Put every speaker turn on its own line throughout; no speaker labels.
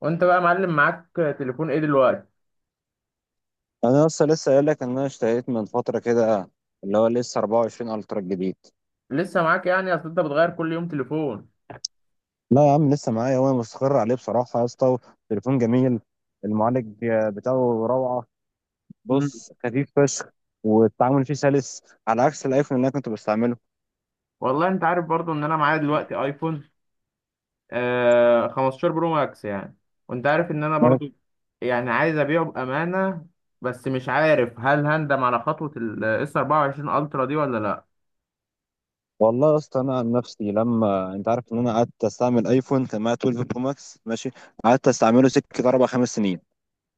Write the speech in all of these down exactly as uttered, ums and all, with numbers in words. وانت بقى معلم معاك تليفون ايه دلوقتي؟
انا لسه لسه قايل لك ان انا اشتريت من فتره كده. اللي هو لسه أربعة وعشرين الترا الجديد.
لسه معاك؟ يعني اصل انت بتغير كل يوم تليفون.
لا يا عم، لسه معايا وانا مستقر عليه بصراحه يا اسطى. تليفون جميل، المعالج بتاعه روعه.
مم.
بص، خفيف فشخ، والتعامل فيه سلس، على عكس الايفون اللي انا كنت بستعمله.
والله انت عارف برضو ان انا معايا دلوقتي ايفون آه خمستاشر برو ماكس يعني. وانت عارف ان انا
أنا-
برضو يعني عايز ابيعه بامانه، بس مش عارف هل هندم على خطوه الاس اربعه وعشرين الترا دي ولا
والله يا اسطى، انا عن نفسي، لما انت عارف ان انا قعدت استعمل ايفون تمانية اثني عشر برو ماكس، ماشي؟ قعدت استعمله سكه اربع خمس سنين،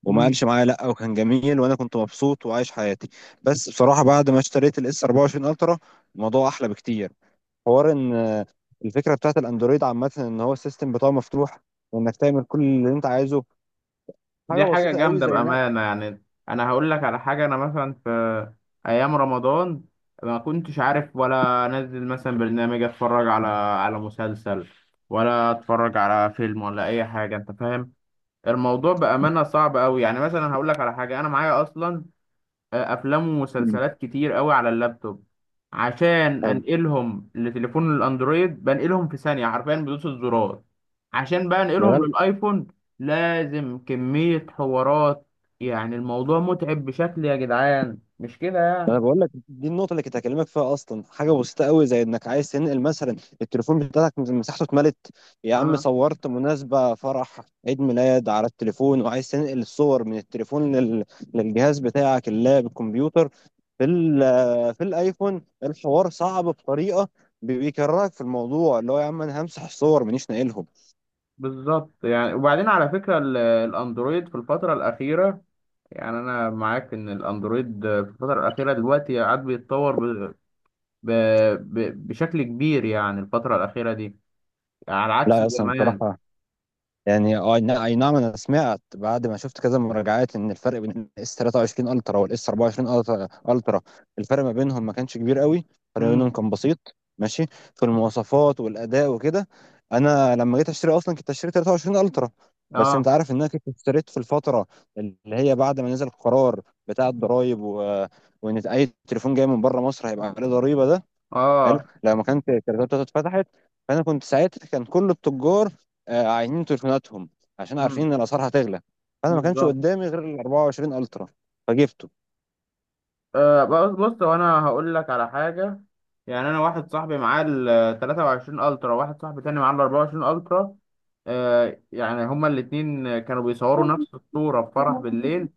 وما
لا.
قالش معايا لا، وكان جميل وانا كنت مبسوط وعايش حياتي. بس بصراحه بعد ما اشتريت الاس أربعة وعشرين الترا، الموضوع احلى بكتير. حوار ان آه، الفكره بتاعت الاندرويد عامه ان هو السيستم بتاعه مفتوح، وانك تعمل كل اللي انت عايزه.
دي
حاجه
حاجة
بسيطه قوي
جامدة
زي نقل.
بأمانة يعني. أنا هقول لك على حاجة، أنا مثلا في أيام رمضان ما كنتش عارف ولا أنزل مثلا برنامج أتفرج على على مسلسل، ولا أتفرج على فيلم ولا أي حاجة، أنت فاهم. الموضوع بأمانة صعب أوي. يعني مثلا هقول لك على حاجة، أنا معايا أصلا آه، افلام
مم.
ومسلسلات كتير قوي على اللابتوب. عشان
حلو.
انقلهم لتليفون الاندرويد بنقلهم في ثانيه، حرفيا بدوس الزرار. عشان بقى انقلهم للايفون لازم كميه حوارات، يعني الموضوع متعب بشكل يا جدعان، مش كده
ما
يعني؟
انا بقول لك، دي النقطه اللي كنت هكلمك فيها اصلا. حاجه بسيطه قوي زي انك عايز تنقل مثلا، التليفون بتاعك مساحته اتملت، يا عم
اه.
صورت مناسبه، فرح، عيد ميلاد على التليفون، وعايز تنقل الصور من التليفون لل... للجهاز بتاعك، اللاب، الكمبيوتر. في ال... في الايفون الحوار صعب بطريقه، بي- بيكرهك في الموضوع، اللي هو يا عم، انا همسح الصور مانيش ناقلهم.
بالظبط يعني. وبعدين على فكره ال- الاندرويد في الفتره الاخيره، يعني انا معاك ان الاندرويد في الفتره الاخيره دلوقتي قاعد بيتطور ب... ب... ب... بشكل كبير، يعني الفتره الاخيره دي على
لا
عكس
يا اسطى
زمان.
بصراحه، يعني اه نا- اي نعم، انا سمعت بعد ما شفت كذا مراجعات ان الفرق بين الاس تلاتة وعشرين الترا والاس أربعة وعشرين الترا الترا الفرق ما بينهم ما كانش كبير قوي، الفرق ما
امم.
بينهم كان بسيط، ماشي، في المواصفات والاداء وكده. انا لما جيت اشتري اصلا كنت اشتري ثلاثة وعشرين الترا، بس
اه.
انت عارف ان انا كنت اشتريت في الفتره اللي هي بعد ما نزل القرار بتاع الضرايب و... وان اي تليفون جاي من بره مصر هيبقى عليه ضريبه ده، حلو،
اه.
لما كانت الشركات بتاعته اتفتحت. فانا كنت ساعتها، كان كل التجار آه، عاينين تليفوناتهم عشان
امم.
عارفين ان الاسعار هتغلى، فانا ما كانش
بالظبط.
قدامي غير ال أربعة وعشرين الترا فجبته.
آه بص بص، هو انا هقول لك على حاجه. يعني انا واحد صاحبي معاه ال تلاته وعشرين الترا، واحد صاحبي تاني معاه ال اربعه وعشرين الترا. آه يعني هما الاتنين كانوا بيصوروا نفس الصوره في فرح بالليل.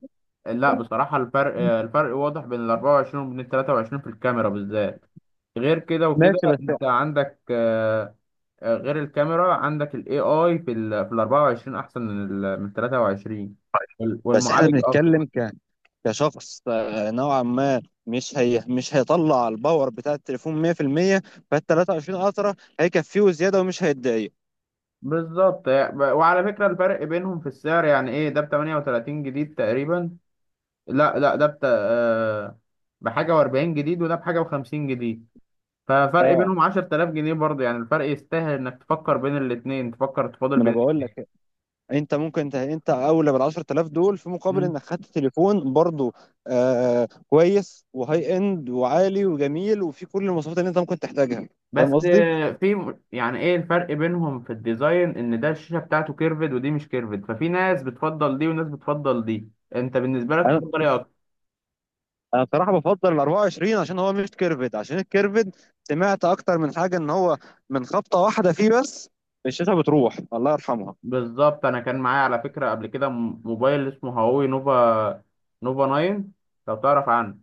لا بصراحه، الفرق آه، الفرق واضح بين ال اربعة وعشرون وبين ال تلاته وعشرين في الكاميرا بالذات. غير كده وكده،
ماشي بس
انت عندك آه، آه، غير الكاميرا، عندك ال ايه آي في ال في ال اربعه وعشرين أحسن من ال من ثلاثة وعشرون. وال-
بس احنا
والمعالج أقوى.
بنتكلم ك... كشخص، آه، نوعا ما، مش هي مش هيطلع الباور بتاع التليفون ميه في الميه، فال تلاتة وعشرين الترا هيكفيه زياده ومش هيتضايق.
بالظبط يعني. ب- وعلى فكرة الفرق بينهم في السعر، يعني إيه، ده ب تمانيه وتلاتين جديد تقريبا. لا لا، ده بت... آه، بحاجة و40 جديد، وده بحاجة و50 جديد. ففرق
اه،
بينهم عشر تلاف جنيه برضه، يعني الفرق يستاهل إنك تفكر بين الاتنين، تفكر تفاضل
ما انا
بين
بقول
الاتنين.
لك، انت ممكن، انت انت اولى بال عشرة آلاف دول في مقابل انك خدت تليفون برضو، آه كويس وهاي اند وعالي وجميل وفي كل المواصفات اللي انت ممكن تحتاجها.
بس
فاهم قصدي؟
في م- يعني ايه الفرق بينهم في الديزاين؟ ان ده الشاشة بتاعته كيرفد، ودي مش كيرفد. ففي ناس بتفضل دي وناس بتفضل دي. انت بالنسبة لك
انا
تفضل ايه اكتر؟
انا بصراحه بفضل ال أربعة وعشرين عشان هو مش كيرفد، عشان الكيرفد سمعت اكتر من حاجه ان هو من خبطه واحده فيه بس الشاشه بتروح الله يرحمها.
بالظبط. انا كان معايا على فكرة قبل كده م- موبايل اسمه هواوي نوفا نوفا تسعه، لو تعرف عنه.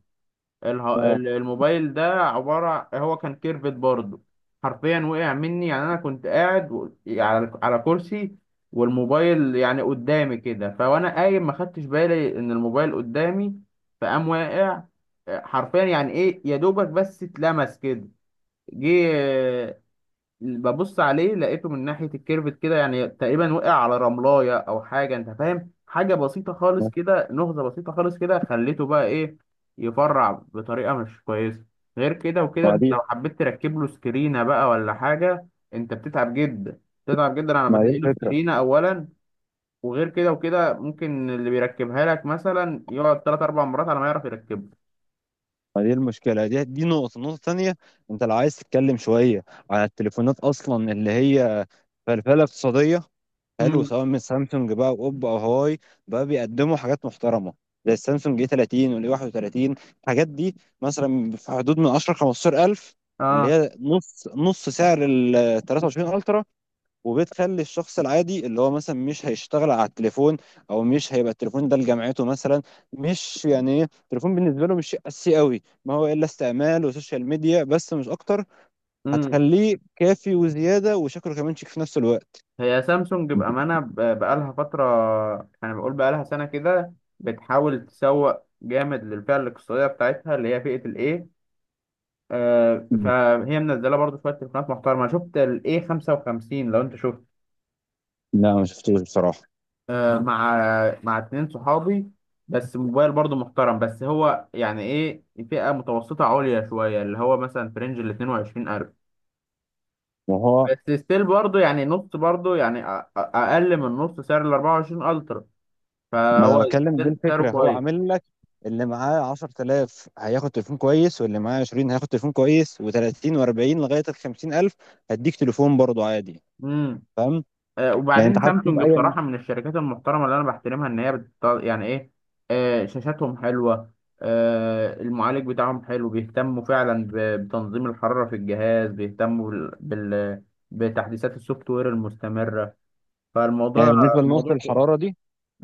اله-
اه،
ال- الموبايل ده عبارة، هو كان كيرفت برضه. حرفيا وقع مني. يعني انا كنت قاعد و- على على كرسي، والموبايل يعني قدامي كده. فوانا قايم ما خدتش بالي ان الموبايل قدامي، فقام واقع. حرفيا، يعني ايه، يا دوبك بس اتلمس كده. جه ببص عليه، لقيته من ناحية الكيرفت كده يعني تقريبا وقع على رملاية أو حاجة أنت فاهم، حاجة بسيطة خالص
ما
كده، نهضة بسيطة خالص كده. خليته بقى إيه؟ يفرع بطريقة مش كويسة. غير كده وكده،
ما
أنت
دي
لو حبيت تركب له سكرينة بقى ولا حاجة، أنت بتتعب جدا، بتتعب جدا على ما
ما دي
تلاقي له
الفكره،
سكرينة أولا. وغير كده وكده ممكن اللي بيركبها لك مثلا يقعد تلات أربع مرات على ما يعرف يركبها.
ما دي المشكله، دي دي نقطه النقطه الثانيه. انت لو عايز تتكلم شويه على التليفونات اصلا اللي هي فلفله اقتصاديه، حلو،
امم.
سواء من سامسونج بقى واوب او هواوي، بقى بيقدموا حاجات محترمه زي السامسونج اي تلاتين والاي واحد وتلاتين، الحاجات دي مثلا في حدود من عشرة خمسة عشر ألف، اللي هي نص نص سعر ال تلاتة وعشرين الترا، وبتخلي الشخص العادي اللي هو مثلا مش هيشتغل على التليفون، او مش هيبقى التليفون ده لجامعته مثلا، مش يعني ايه، التليفون بالنسبه له مش شيء اساسي قوي، ما هو الا استعمال وسوشيال ميديا بس مش اكتر،
اه.
هتخليه كافي وزياده وشكله كمان شيك في نفس الوقت.
هي سامسونج بأمانة ب- بقالها فترة، أنا بقول بقالها سنة كده، بتحاول تسوق جامد للفئة الاقتصادية بتاعتها، اللي هي فئة الإيه. آه فهي منزلة برضو شوية تليفونات محترمة، أنا شفت الإيه خمسه وخمسين، لو أنت شفت.
لا، ما شفتوش بصراحة.
آه مع مع اتنين صحابي. بس موبايل برضو محترم. بس هو يعني إيه، فئة متوسطة عليا شوية، اللي هو مثلا في رينج ال اتنين وعشرين الف.
وهو،
بس ستيل برضو يعني نص، برضو يعني أ- أ- أقل من نص سعر ال اربعه وعشرين ألترا.
ما انا
فهو
بتكلم، دي
سعره
الفكرة، هو
كويس.
عامل لك اللي معاه عشرة آلاف هياخد تليفون كويس، واللي معاه عشرين هياخد تليفون كويس، و30 و40 لغاية ال خمسين ألف، هديك تليفون برضه عادي.
امم.
فاهم؟
آه
يعني انت
وبعدين
حتى
سامسونج
بأي.
بصراحه من الشركات المحترمه اللي انا بحترمها، ان هي بت... يعني ايه، آه شاشاتهم حلوه. آه المعالج بتاعهم حلو، بيهتموا فعلا ب... بتنظيم الحراره في الجهاز، بيهتموا بال... بال... بتحديثات السوفت وير المستمره.
يعني
فالموضوع
بالنسبة لنقطة
الموضوع كو-.
الحرارة دي،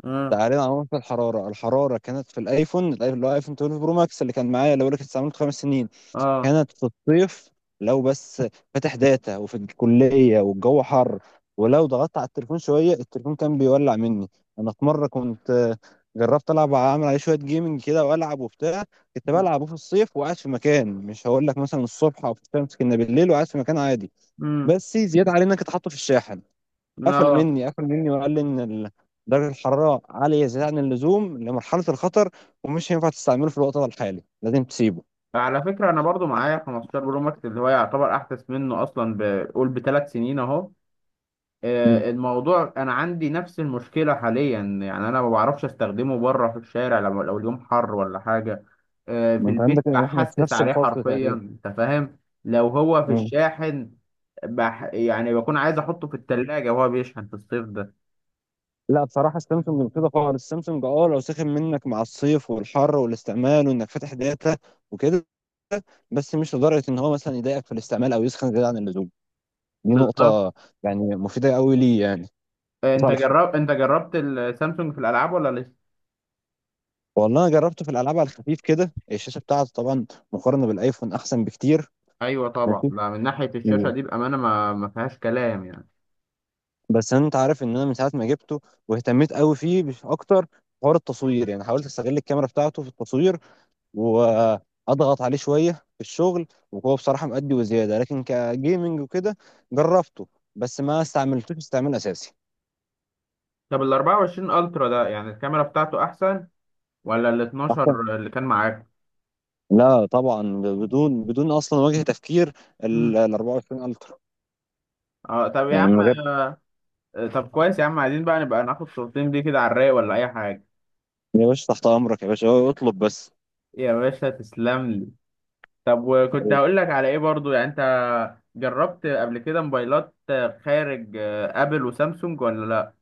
اه.
تعالى على نقطة الحرارة، الحرارة كانت في الايفون الايفون اللي هو ايفون اتناشر برو ماكس اللي كان معايا، اللي بقول لك استعملته خمس سنين،
اه.
كانت في الصيف لو بس فاتح داتا وفي الكلية والجو حر، ولو ضغطت على التليفون شوية التليفون كان بيولع مني. أنا في مرة كنت آه، جربت ألعب، أعمل عليه شوية جيمنج كده، وألعب وبتاع، كنت بلعبه في الصيف وقاعد في مكان، مش هقول لك مثلا الصبح أو في الشمس، كنا بالليل وقاعد في مكان عادي،
امم.
بس زيادة علينا كنت حاطه في الشاحن، قفل
اه.
مني، قفل مني، وقال لي إن ال- درجة الحرارة عالية زيادة عن اللزوم لمرحلة الخطر، ومش هينفع تستعمله في الوقت ده الحالي، لازم تسيبه.
على فكره انا برضو معايا خمستاشر برو ماكس، اللي هو يعتبر احدث منه اصلا، بقول بثلاث سنين اهو. آه، الموضوع انا عندي نفس المشكله حاليا. يعني انا ما بعرفش استخدمه بره في الشارع، لو لو اليوم حر ولا حاجه. آه،
ما
في
انت
البيت
عندك، احنا في
بحسس
نفس
عليه
الفصل
حرفيا،
تقريبا.
انت فاهم. لو هو في
مم.
الشاحن، بح، يعني بكون عايز احطه في التلاجة وهو بيشحن في الصيف ده.
لا بصراحة السامسونج كده خالص، السامسونج اه لو سخن منك مع الصيف والحر والاستعمال وانك فاتح داتا وكده، بس مش لدرجة ان هو مثلا يضايقك في الاستعمال او يسخن زيادة عن اللزوم، دي
بالظبط.
نقطة يعني مفيدة قوي ليه، يعني
آه، انت
لصالحه.
جرب، انت جربت السامسونج في الالعاب ولا لسه؟
والله انا جربته في الالعاب على الخفيف كده، الشاشة بتاعته طبعا مقارنة بالايفون احسن بكتير.
ايوه طبعا.
ماشي.
لا، من ناحيه الشاشه
مم.
دي بامانه ما ما فيهاش كلام يعني.
بس انت عارف ان انا من ساعة ما جبته واهتميت قوي فيه بش- اكتر، حوار التصوير، يعني حاولت استغل الكاميرا بتاعته في التصوير، واضغط عليه شويه في الشغل، وهو بصراحه مأدي وزياده، لكن كجيمنج وكده جربته، بس ما استعملتوش استعمال اساسي.
طب ال اربعه وعشرين الترا ده، يعني الكاميرا بتاعته احسن ولا ال
أحسن.
اتناشر اللي كان معاك؟
لا طبعا، بدون بدون اصلا وجه تفكير، ال ال أربعة وعشرين الترا،
اه. طب يا
يعني من
عم.
غير.
آه، طب كويس يا عم، عايزين بقى نبقى ناخد صورتين دي كده على الرايق ولا اي حاجه.
يا باشا تحت امرك، يا باشا، هو اطلب بس.
يا باشا تسلم لي. طب وكنت هقول لك على ايه برضو، يعني انت جربت قبل كده موبايلات آه، خارج آه، ابل وسامسونج، ولا لا؟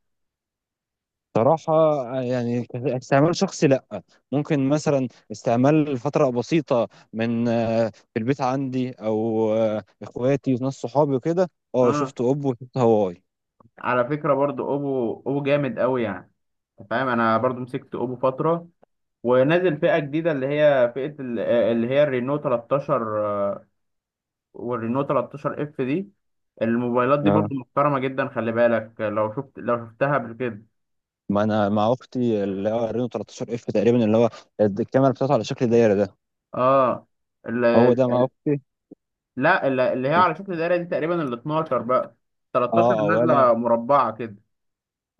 صراحة، يعني استعمال شخصي لا، ممكن مثلا استعمال لفترة بسيطة، من آه، في البيت عندي، او آه، اخواتي وناس صحابي وكده. اه،
اه.
شفت اوبو وشفت هواوي.
على فكره برضو اوبو اوبو جامد قوي يعني. انت فاهم، انا برضو مسكت اوبو فتره، ونازل فئه جديده اللي هي فئه ال- آه، اللي هي الرينو تلتاشر، والرينو تلتاشر اف دي. الموبايلات دي برضو محترمة جدا. خلي بالك، لو شفت لو شفتها قبل كده.
ما انا مع اختي اللي هو رينو تلتاشر اف تقريبا، اللي هو الكاميرا بتاعته على شكل دايره ده.
اه ال-
هو ده مع اختي.
لا ال- اللي هي على شكل دايرة دي تقريبا ال اتناشر بقى.
اه
تلتاشر
اه، ولا،
نازلة مربعة كده.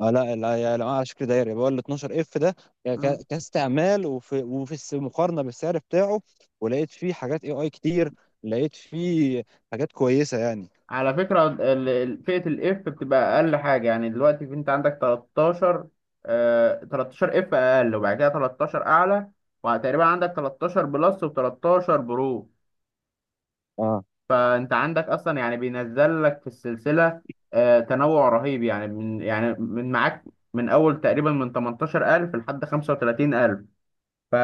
آه لا لا، يا لا، على شكل دايره يبقى ال اتناشر اف ده، ك-
مم.
ك- كاستعمال وفي وفي الس- مقارنه بالسعر بتاعه، ولقيت فيه حاجات اي اي كتير، لقيت فيه حاجات كويسه يعني.
على فكرة ال- ال- فئة الاف بتبقى أقل حاجة. يعني دلوقتي في- أنت عندك تلتاشر، آه تلتاشر اف أقل، وبعد كده تلتاشر أعلى، وتقريبا عندك تلتاشر بلس و13 برو.
اه،
فانت عندك اصلا يعني بينزل لك في السلسله آه، تنوع رهيب. يعني من يعني من معاك من اول تقريبا من تمنتاشر الف لحد خمسه وتلاتين الف.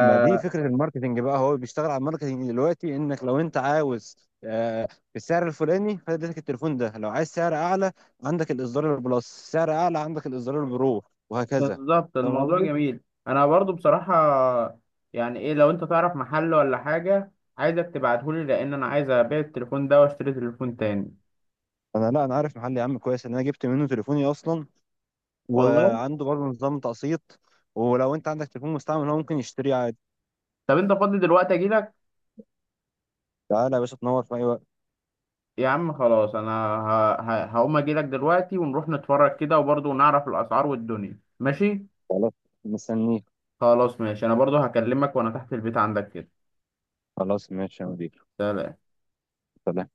ما دي فكرة الماركتينج بقى، هو بيشتغل على الماركتينج دلوقتي، انك لو انت عاوز آه، بالسعر الفلاني فادتك التليفون ده، لو عايز سعر اعلى عندك الاصدار البلس، سعر اعلى عندك الاصدار البرو، وهكذا. فاهم
الموضوع
قصدي؟
جميل. انا برضو بصراحه يعني ايه، لو انت تعرف محل ولا حاجه عايزك تبعتهولي، لان انا عايز ابيع التليفون ده واشتري تليفون تاني.
انا، لا، انا عارف محل يا عم كويس ان انا جبت منه تليفوني اصلا،
والله.
وعنده برضه نظام تقسيط، ولو انت عندك تليفون مستعمل هو ممكن يشتريه عادي.
طب انت فاضي دلوقتي اجيلك؟
تعالى يا باشا، تنور في اي وقت.
يا عم خلاص انا ه- ه- هقوم اجيلك دلوقتي ونروح نتفرج كده وبرضو نعرف الاسعار والدنيا ماشي.
خلاص، مستنيك.
خلاص ماشي، انا برضو هكلمك وانا تحت البيت عندك كده.
خلاص ماشي يا مدير.
سلام.
سلام.